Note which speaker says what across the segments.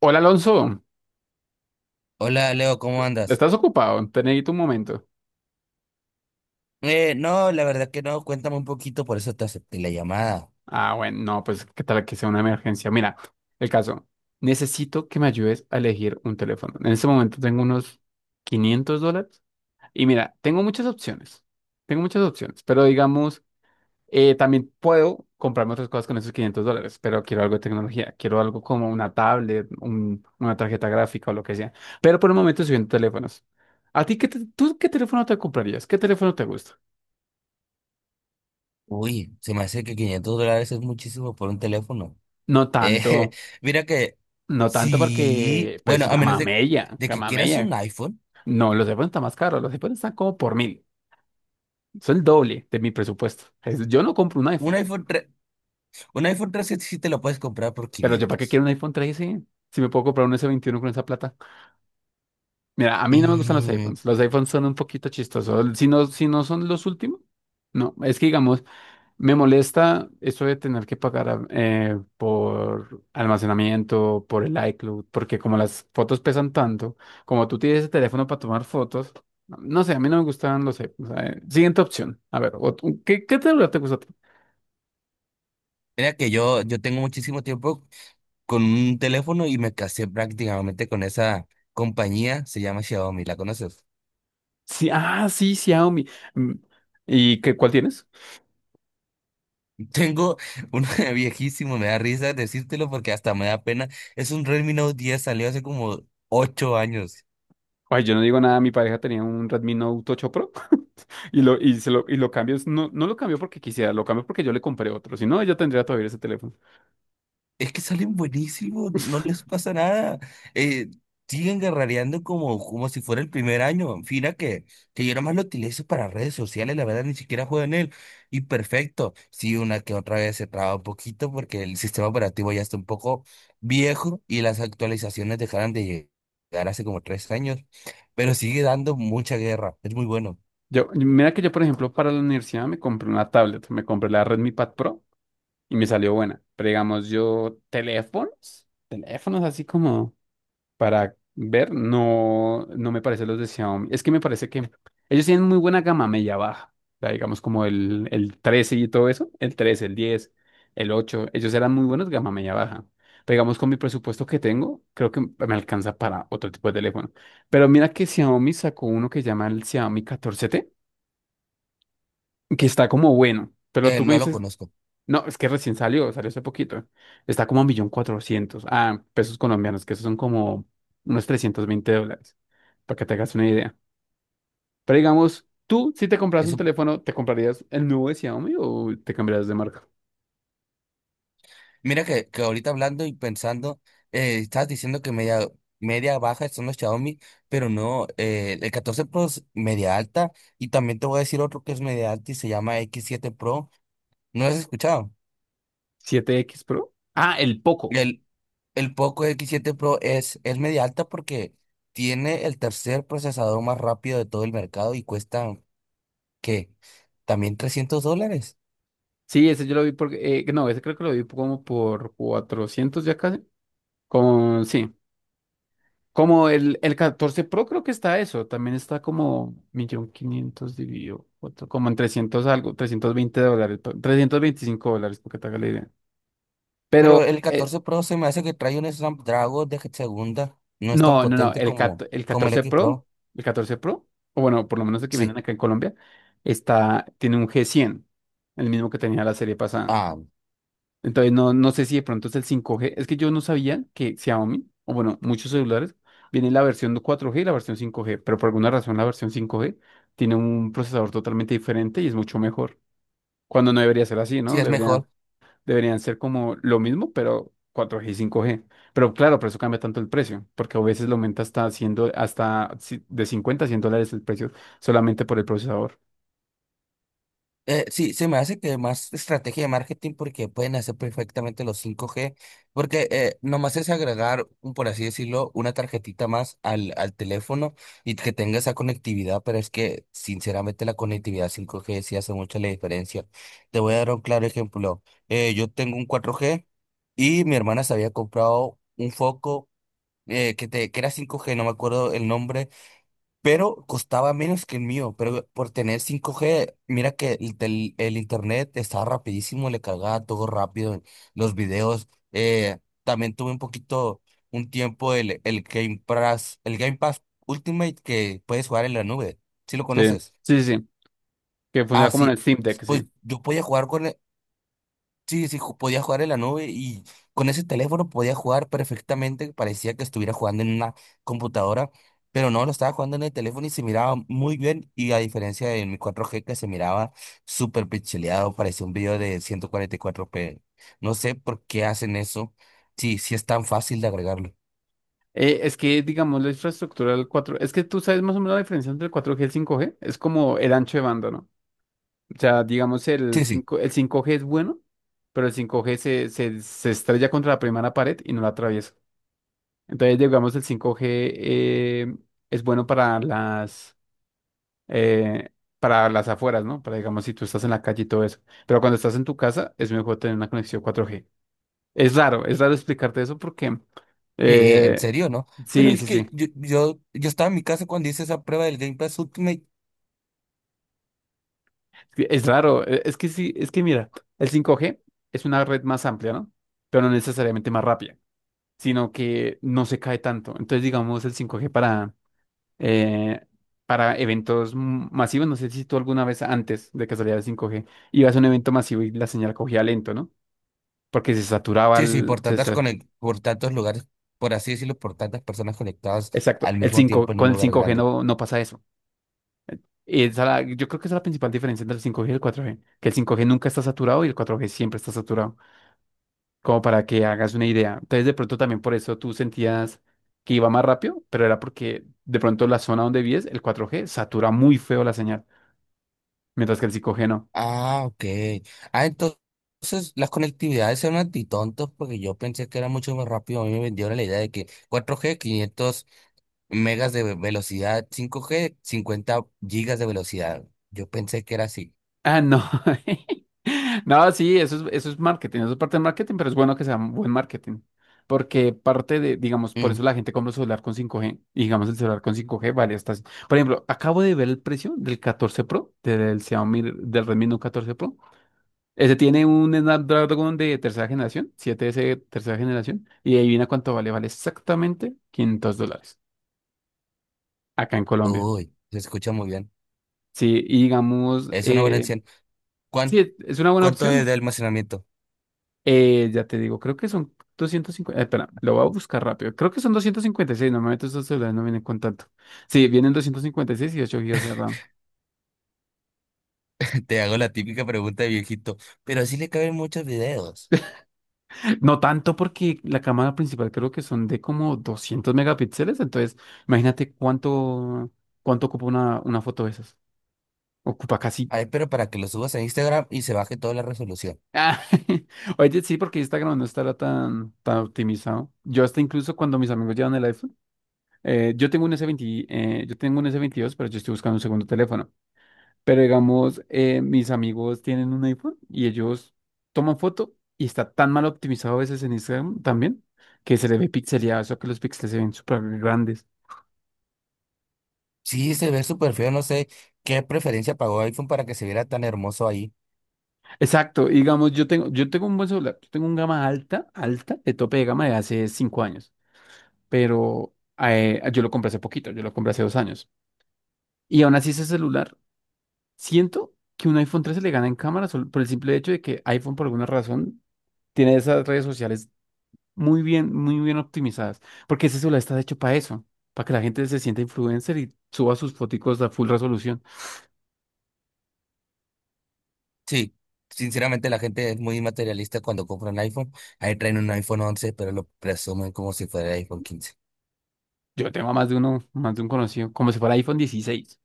Speaker 1: Hola Alonso,
Speaker 2: Hola Leo, ¿cómo andas?
Speaker 1: ¿estás ocupado? Te necesito un momento.
Speaker 2: No, la verdad que no, cuéntame un poquito, por eso te acepté la llamada.
Speaker 1: Ah, bueno, no, pues qué tal que sea una emergencia. Mira, el caso, necesito que me ayudes a elegir un teléfono. En este momento tengo unos 500 dólares y mira, tengo muchas opciones. Tengo muchas opciones, pero digamos, también puedo comprarme otras cosas con esos 500 dólares, pero quiero algo de tecnología, quiero algo como una tablet, una tarjeta gráfica o lo que sea. Pero por el momento estoy viendo teléfonos. ¿A ti qué, tú qué teléfono te comprarías? ¿Qué teléfono te gusta?
Speaker 2: Uy, se me hace que $500 es muchísimo por un teléfono.
Speaker 1: No
Speaker 2: Eh,
Speaker 1: tanto.
Speaker 2: mira que
Speaker 1: No tanto
Speaker 2: sí,
Speaker 1: porque,
Speaker 2: bueno,
Speaker 1: pues,
Speaker 2: a menos
Speaker 1: Gamamella,
Speaker 2: de que quieras
Speaker 1: Gamamella. No, los iPhones están más caros, los iPhones están como por mil. Son el doble de mi presupuesto. Yo no compro un
Speaker 2: un
Speaker 1: iPhone,
Speaker 2: iPhone tres, un iPhone 3 sí te lo puedes comprar por
Speaker 1: pero yo para qué
Speaker 2: 500.
Speaker 1: quiero un iPhone trece si me puedo comprar un s veintiuno con esa plata. Mira, a mí no me gustan los
Speaker 2: Mm,
Speaker 1: iPhones. Los iPhones son un poquito chistosos. Si no, si no son los últimos, no. Es que digamos, me molesta eso de tener que pagar por almacenamiento, por el iCloud, porque como las fotos pesan tanto, como tú tienes el teléfono para tomar fotos, no sé, a mí no me gustan, no sé. O sea, siguiente opción. A ver, ¿qué, qué celular te gusta a ti?
Speaker 2: mira que yo tengo muchísimo tiempo con un teléfono y me casé prácticamente con esa compañía, se llama Xiaomi, ¿la conoces?
Speaker 1: Sí, ah, sí, Xiaomi. Mm, ¿y qué, cuál tienes?
Speaker 2: Tengo uno viejísimo, me da risa decírtelo porque hasta me da pena. Es un Redmi Note 10, salió hace como 8 años.
Speaker 1: Ay, yo no digo nada, mi pareja tenía un Redmi Note 8 Pro y lo, y lo cambió. No, no lo cambió porque quisiera, lo cambió porque yo le compré otro. Si no, ella tendría todavía ese teléfono.
Speaker 2: Es que salen buenísimos, no les pasa nada. Eh, Siguen guerrereando como, como si fuera el primer año. Fina que yo nomás lo utilizo para redes sociales, la verdad ni siquiera juego en él. Y perfecto, sí, una que otra vez se traba un poquito porque el sistema operativo ya está un poco viejo y las actualizaciones dejaron de llegar hace como 3 años. Pero sigue dando mucha guerra, es muy bueno.
Speaker 1: Yo, mira que yo, por ejemplo, para la universidad me compré una tablet, me compré la Redmi Pad Pro y me salió buena. Pero digamos, yo teléfonos, teléfonos así como para ver, no, no me parece los de Xiaomi. Es que me parece que ellos tienen muy buena gama media baja. O sea, digamos como el 13 y todo eso, el trece, el diez, el ocho, ellos eran muy buenos gama media baja. Pero digamos, con mi presupuesto que tengo, creo que me alcanza para otro tipo de teléfono. Pero mira que Xiaomi sacó uno que llama el Xiaomi catorce t, que está como bueno, pero tú me
Speaker 2: No lo
Speaker 1: dices,
Speaker 2: conozco.
Speaker 1: no, es que recién salió, salió hace poquito, está como a un millón cuatrocientos, ah, pesos colombianos, que esos son como unos 320 dólares, para que te hagas una idea. Pero digamos, tú, si te compras un
Speaker 2: Eso,
Speaker 1: teléfono, ¿te comprarías el nuevo de Xiaomi o te cambiarías de marca?
Speaker 2: mira que ahorita hablando y pensando, estabas diciendo que media, media baja son los Xiaomi, pero no, el 14 Pro es media alta y también te voy a decir otro que es media alta y se llama x siete Pro. ¿No lo has escuchado?
Speaker 1: ¿7X Pro? Ah, el Poco.
Speaker 2: El, el Poco x siete Pro es media alta porque tiene el tercer procesador más rápido de todo el mercado y cuesta, ¿qué? También $300.
Speaker 1: Sí, ese yo lo vi porque, no, ese creo que lo vi como por 400 ya casi, con, sí. Como el 14 Pro creo que está eso, también está como 1.500.000 dividido cuatro, como en 300 algo, 320 dólares, 325 dólares, porque te haga la idea.
Speaker 2: Pero
Speaker 1: Pero,
Speaker 2: el catorce Pro se me hace que trae un Snapdragon de segunda, no es tan
Speaker 1: no, no, no,
Speaker 2: potente como, como el X Pro.
Speaker 1: El 14 Pro, o bueno, por lo menos el que vienen
Speaker 2: Sí,
Speaker 1: acá en Colombia, está, tiene un g cien, el mismo que tenía la serie pasada.
Speaker 2: ah,
Speaker 1: Entonces, no, no sé si de pronto es el 5G. Es que yo no sabía que Xiaomi, o bueno, muchos celulares, viene la versión 4G y la versión 5G, pero por alguna razón la versión 5G tiene un procesador totalmente diferente y es mucho mejor. Cuando no debería ser así,
Speaker 2: sí,
Speaker 1: ¿no?
Speaker 2: es
Speaker 1: Deberían,
Speaker 2: mejor.
Speaker 1: deberían ser como lo mismo, pero 4G y 5G. Pero claro, por eso cambia tanto el precio, porque a veces lo aumenta hasta, hasta de $50 a $100 el precio solamente por el procesador.
Speaker 2: Sí, se me hace que más estrategia de marketing porque pueden hacer perfectamente los cinco g porque nomás es agregar, por así decirlo, una tarjetita más al, al teléfono y que tenga esa conectividad, pero es que sinceramente la conectividad cinco g sí hace mucha la diferencia. Te voy a dar un claro ejemplo. Yo tengo un cuatro g y mi hermana se había comprado un foco que era cinco g, no me acuerdo el nombre pero costaba menos que el mío, pero por tener 5G, mira que el internet estaba rapidísimo, le cargaba todo rápido, los videos, también tuve un poquito, un tiempo el Game Pass Ultimate que puedes jugar en la nube, ¿si lo
Speaker 1: Sí,
Speaker 2: conoces?
Speaker 1: sí, sí, sí, que funciona
Speaker 2: Ah,
Speaker 1: como en el
Speaker 2: sí,
Speaker 1: Steam Deck, sí.
Speaker 2: pues yo podía jugar con, sí, sí, podía jugar en la nube y con ese teléfono podía jugar perfectamente. Parecía que estuviera jugando en una computadora, pero no, lo estaba jugando en el teléfono y se miraba muy bien. Y a diferencia de mi 4G que se miraba súper pixeleado, parecía un video de 144p. No sé por qué hacen eso. Sí, sí es tan fácil de agregarlo.
Speaker 1: Es que, digamos, la infraestructura del cuatro, es que tú sabes más o menos la diferencia entre el cuatro g y el cinco g es como el ancho de banda, ¿no? O sea, digamos,
Speaker 2: Sí, sí.
Speaker 1: el cinco g es bueno, pero el 5 g se estrella contra la primera pared y no la atraviesa. Entonces, digamos, el cinco g eh, es bueno eh, para las afueras, ¿no? Para, digamos, si tú estás en la calle y todo eso. Pero cuando estás en tu casa, es mejor tener una conexión cuatro g. Es raro explicarte eso porque...
Speaker 2: ¿En
Speaker 1: eh,
Speaker 2: serio, no? Pero
Speaker 1: sí,
Speaker 2: es
Speaker 1: sí, sí.
Speaker 2: que yo estaba en mi casa cuando hice esa prueba del Game Pass Ultimate.
Speaker 1: que Es raro, es que sí, es que mira, el 5G es una red más amplia, ¿no? Pero no necesariamente más rápida, sino que no se cae tanto. Entonces, digamos, el 5G eh, para eventos masivos, no sé si tú alguna vez antes de que saliera el 5G ibas a un evento masivo y la señal cogía lento, ¿no? Porque se saturaba
Speaker 2: Sí, sí,
Speaker 1: el... se sa-
Speaker 2: por tantos lugares, por así decirlo, por tantas personas conectadas
Speaker 1: exacto,
Speaker 2: al
Speaker 1: el
Speaker 2: mismo tiempo
Speaker 1: 5,
Speaker 2: en un
Speaker 1: con el
Speaker 2: lugar
Speaker 1: 5G
Speaker 2: grande.
Speaker 1: no, no pasa eso. Esa yo creo que esa es la principal diferencia entre el 5G y el 4G, que el 5G nunca está saturado y el 4G siempre está saturado, como para que hagas una idea. Entonces, de pronto también por eso tú sentías que iba más rápido, pero era porque de pronto la zona donde vives, el 4G satura muy feo la señal, mientras que el 5G no.
Speaker 2: Ah, ok. Ah, entonces las conectividades son antitontos porque yo pensé que era mucho más rápido. A mí me vendieron la idea de que cuatro g 500 megas velocidad, cinco g 50 gigas de velocidad. Yo pensé que era así.
Speaker 1: Ah, no. No, sí, eso es marketing, eso es parte de marketing, pero es bueno que sea un buen marketing. Porque parte de, digamos, por
Speaker 2: Mm.
Speaker 1: eso la gente compra un celular con 5G, y digamos el celular con 5G vale hasta... Por ejemplo, acabo de ver el precio del 14 Pro, del Xiaomi, del Redmi Note 14 Pro. Ese tiene un Snapdragon de tercera generación, 7S de tercera generación, y adivina cuánto vale, vale exactamente 500 dólares acá en Colombia.
Speaker 2: Uy, se escucha muy bien.
Speaker 1: Sí, y digamos,
Speaker 2: Es una buena opción.
Speaker 1: sí,
Speaker 2: ¿Cuán-
Speaker 1: es una buena
Speaker 2: ¿Cuánto es
Speaker 1: opción.
Speaker 2: de almacenamiento?
Speaker 1: Ya te digo, creo que son 250, espera, lo voy a buscar rápido. Creo que son 256. Normalmente estos celulares no vienen con tanto. Sí, vienen doscientos cincuenta y seis y ocho gigas de RAM.
Speaker 2: Te hago la típica pregunta de viejito, pero así le caben muchos videos.
Speaker 1: No tanto porque la cámara principal creo que son de como 200 megapíxeles, entonces imagínate cuánto, cuánto ocupa una foto de esas. Ocupa casi.
Speaker 2: Ay, pero para que lo subas a Instagram y se baje toda la resolución.
Speaker 1: Ah, oye, sí, porque Instagram no estará tan, tan optimizado. Yo hasta incluso cuando mis amigos llevan el iPhone, yo tengo un S20, yo tengo un s veintidós, pero yo estoy buscando un segundo teléfono. Pero digamos, mis amigos tienen un iPhone y ellos toman foto y está tan mal optimizado a veces en Instagram también, que se le ve pixeleado, eso que los píxeles se ven súper grandes.
Speaker 2: Sí, se ve súper feo, no sé qué preferencia pagó iPhone para que se viera tan hermoso ahí.
Speaker 1: Exacto, y digamos, yo tengo un buen celular, yo tengo un gama alta, alta, de tope de gama de hace cinco años. Pero yo lo compré hace poquito, yo lo compré hace dos años. Y aún así ese celular, siento que un iPhone trece le gana en cámara solo por el simple hecho de que iPhone por alguna razón tiene esas redes sociales muy bien optimizadas, porque ese celular está hecho para eso, para que la gente se sienta influencer y suba sus foticos a full resolución.
Speaker 2: Sí, sinceramente la gente es muy materialista cuando compra un iPhone. Ahí traen un iPhone once, pero lo presumen como si fuera iPhone quince.
Speaker 1: Yo tengo a más de uno, más de un conocido, como si fuera iPhone dieciséis.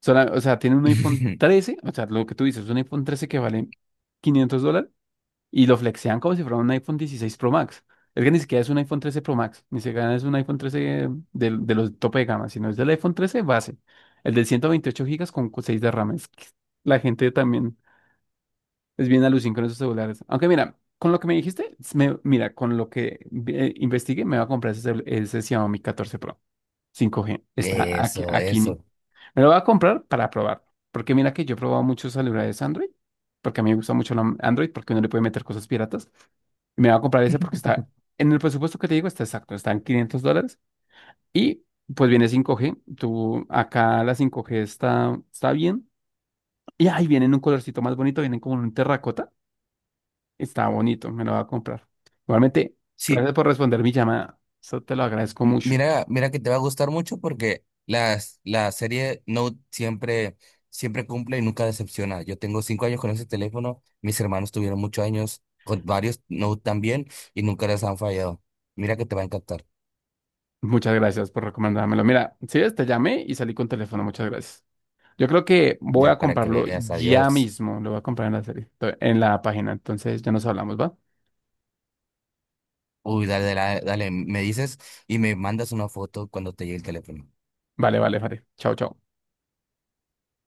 Speaker 1: O sea, tiene un iPhone trece, o sea, lo que tú dices, un iPhone trece que vale 500 dólares y lo flexean como si fuera un iPhone 16 Pro Max. Es que ni siquiera es un iPhone 13 Pro Max, ni siquiera es un iPhone 13 los tope de gama, sino es del iPhone 13 base, el del 128 gigas con 6 de RAM. Es que la gente también es bien alucin con esos celulares. Aunque mira, con lo que me dijiste, mira, con lo que investigué, me va a comprar ese, ese Xiaomi 14 Pro 5G. Está aquí,
Speaker 2: Eso,
Speaker 1: aquí.
Speaker 2: eso.
Speaker 1: Me lo voy a comprar para probar. Porque mira que yo he probado muchos celulares Android. Porque a mí me gusta mucho la Android porque uno le puede meter cosas piratas. Y me voy a comprar ese porque está en el presupuesto que te digo, está exacto. Está en 500 dólares. Y pues viene cinco g. Tú, acá la cinco g está, está bien. Y ahí viene en un colorcito más bonito. Vienen como en un terracota. Está bonito. Me lo voy a comprar. Igualmente,
Speaker 2: Sí,
Speaker 1: gracias por responder mi llamada. Eso te lo agradezco
Speaker 2: M-
Speaker 1: mucho.
Speaker 2: mira, mira que te va a gustar mucho porque las, la serie Note siempre, siempre cumple y nunca decepciona. Yo tengo 5 años con ese teléfono, mis hermanos tuvieron muchos años con varios Note también y nunca les han fallado. Mira que te va a encantar.
Speaker 1: Muchas gracias por recomendármelo. Mira, si ves, te llamé y salí con teléfono. Muchas gracias. Yo creo que voy
Speaker 2: Ya
Speaker 1: a
Speaker 2: para que
Speaker 1: comprarlo
Speaker 2: veas,
Speaker 1: ya
Speaker 2: adiós.
Speaker 1: mismo. Lo voy a comprar en la serie, en la página. Entonces ya nos hablamos, ¿va?
Speaker 2: Uy, dale, dale, dale, me dices y me mandas una foto cuando te llegue el teléfono.
Speaker 1: Vale, vale, vale. Chao, chao.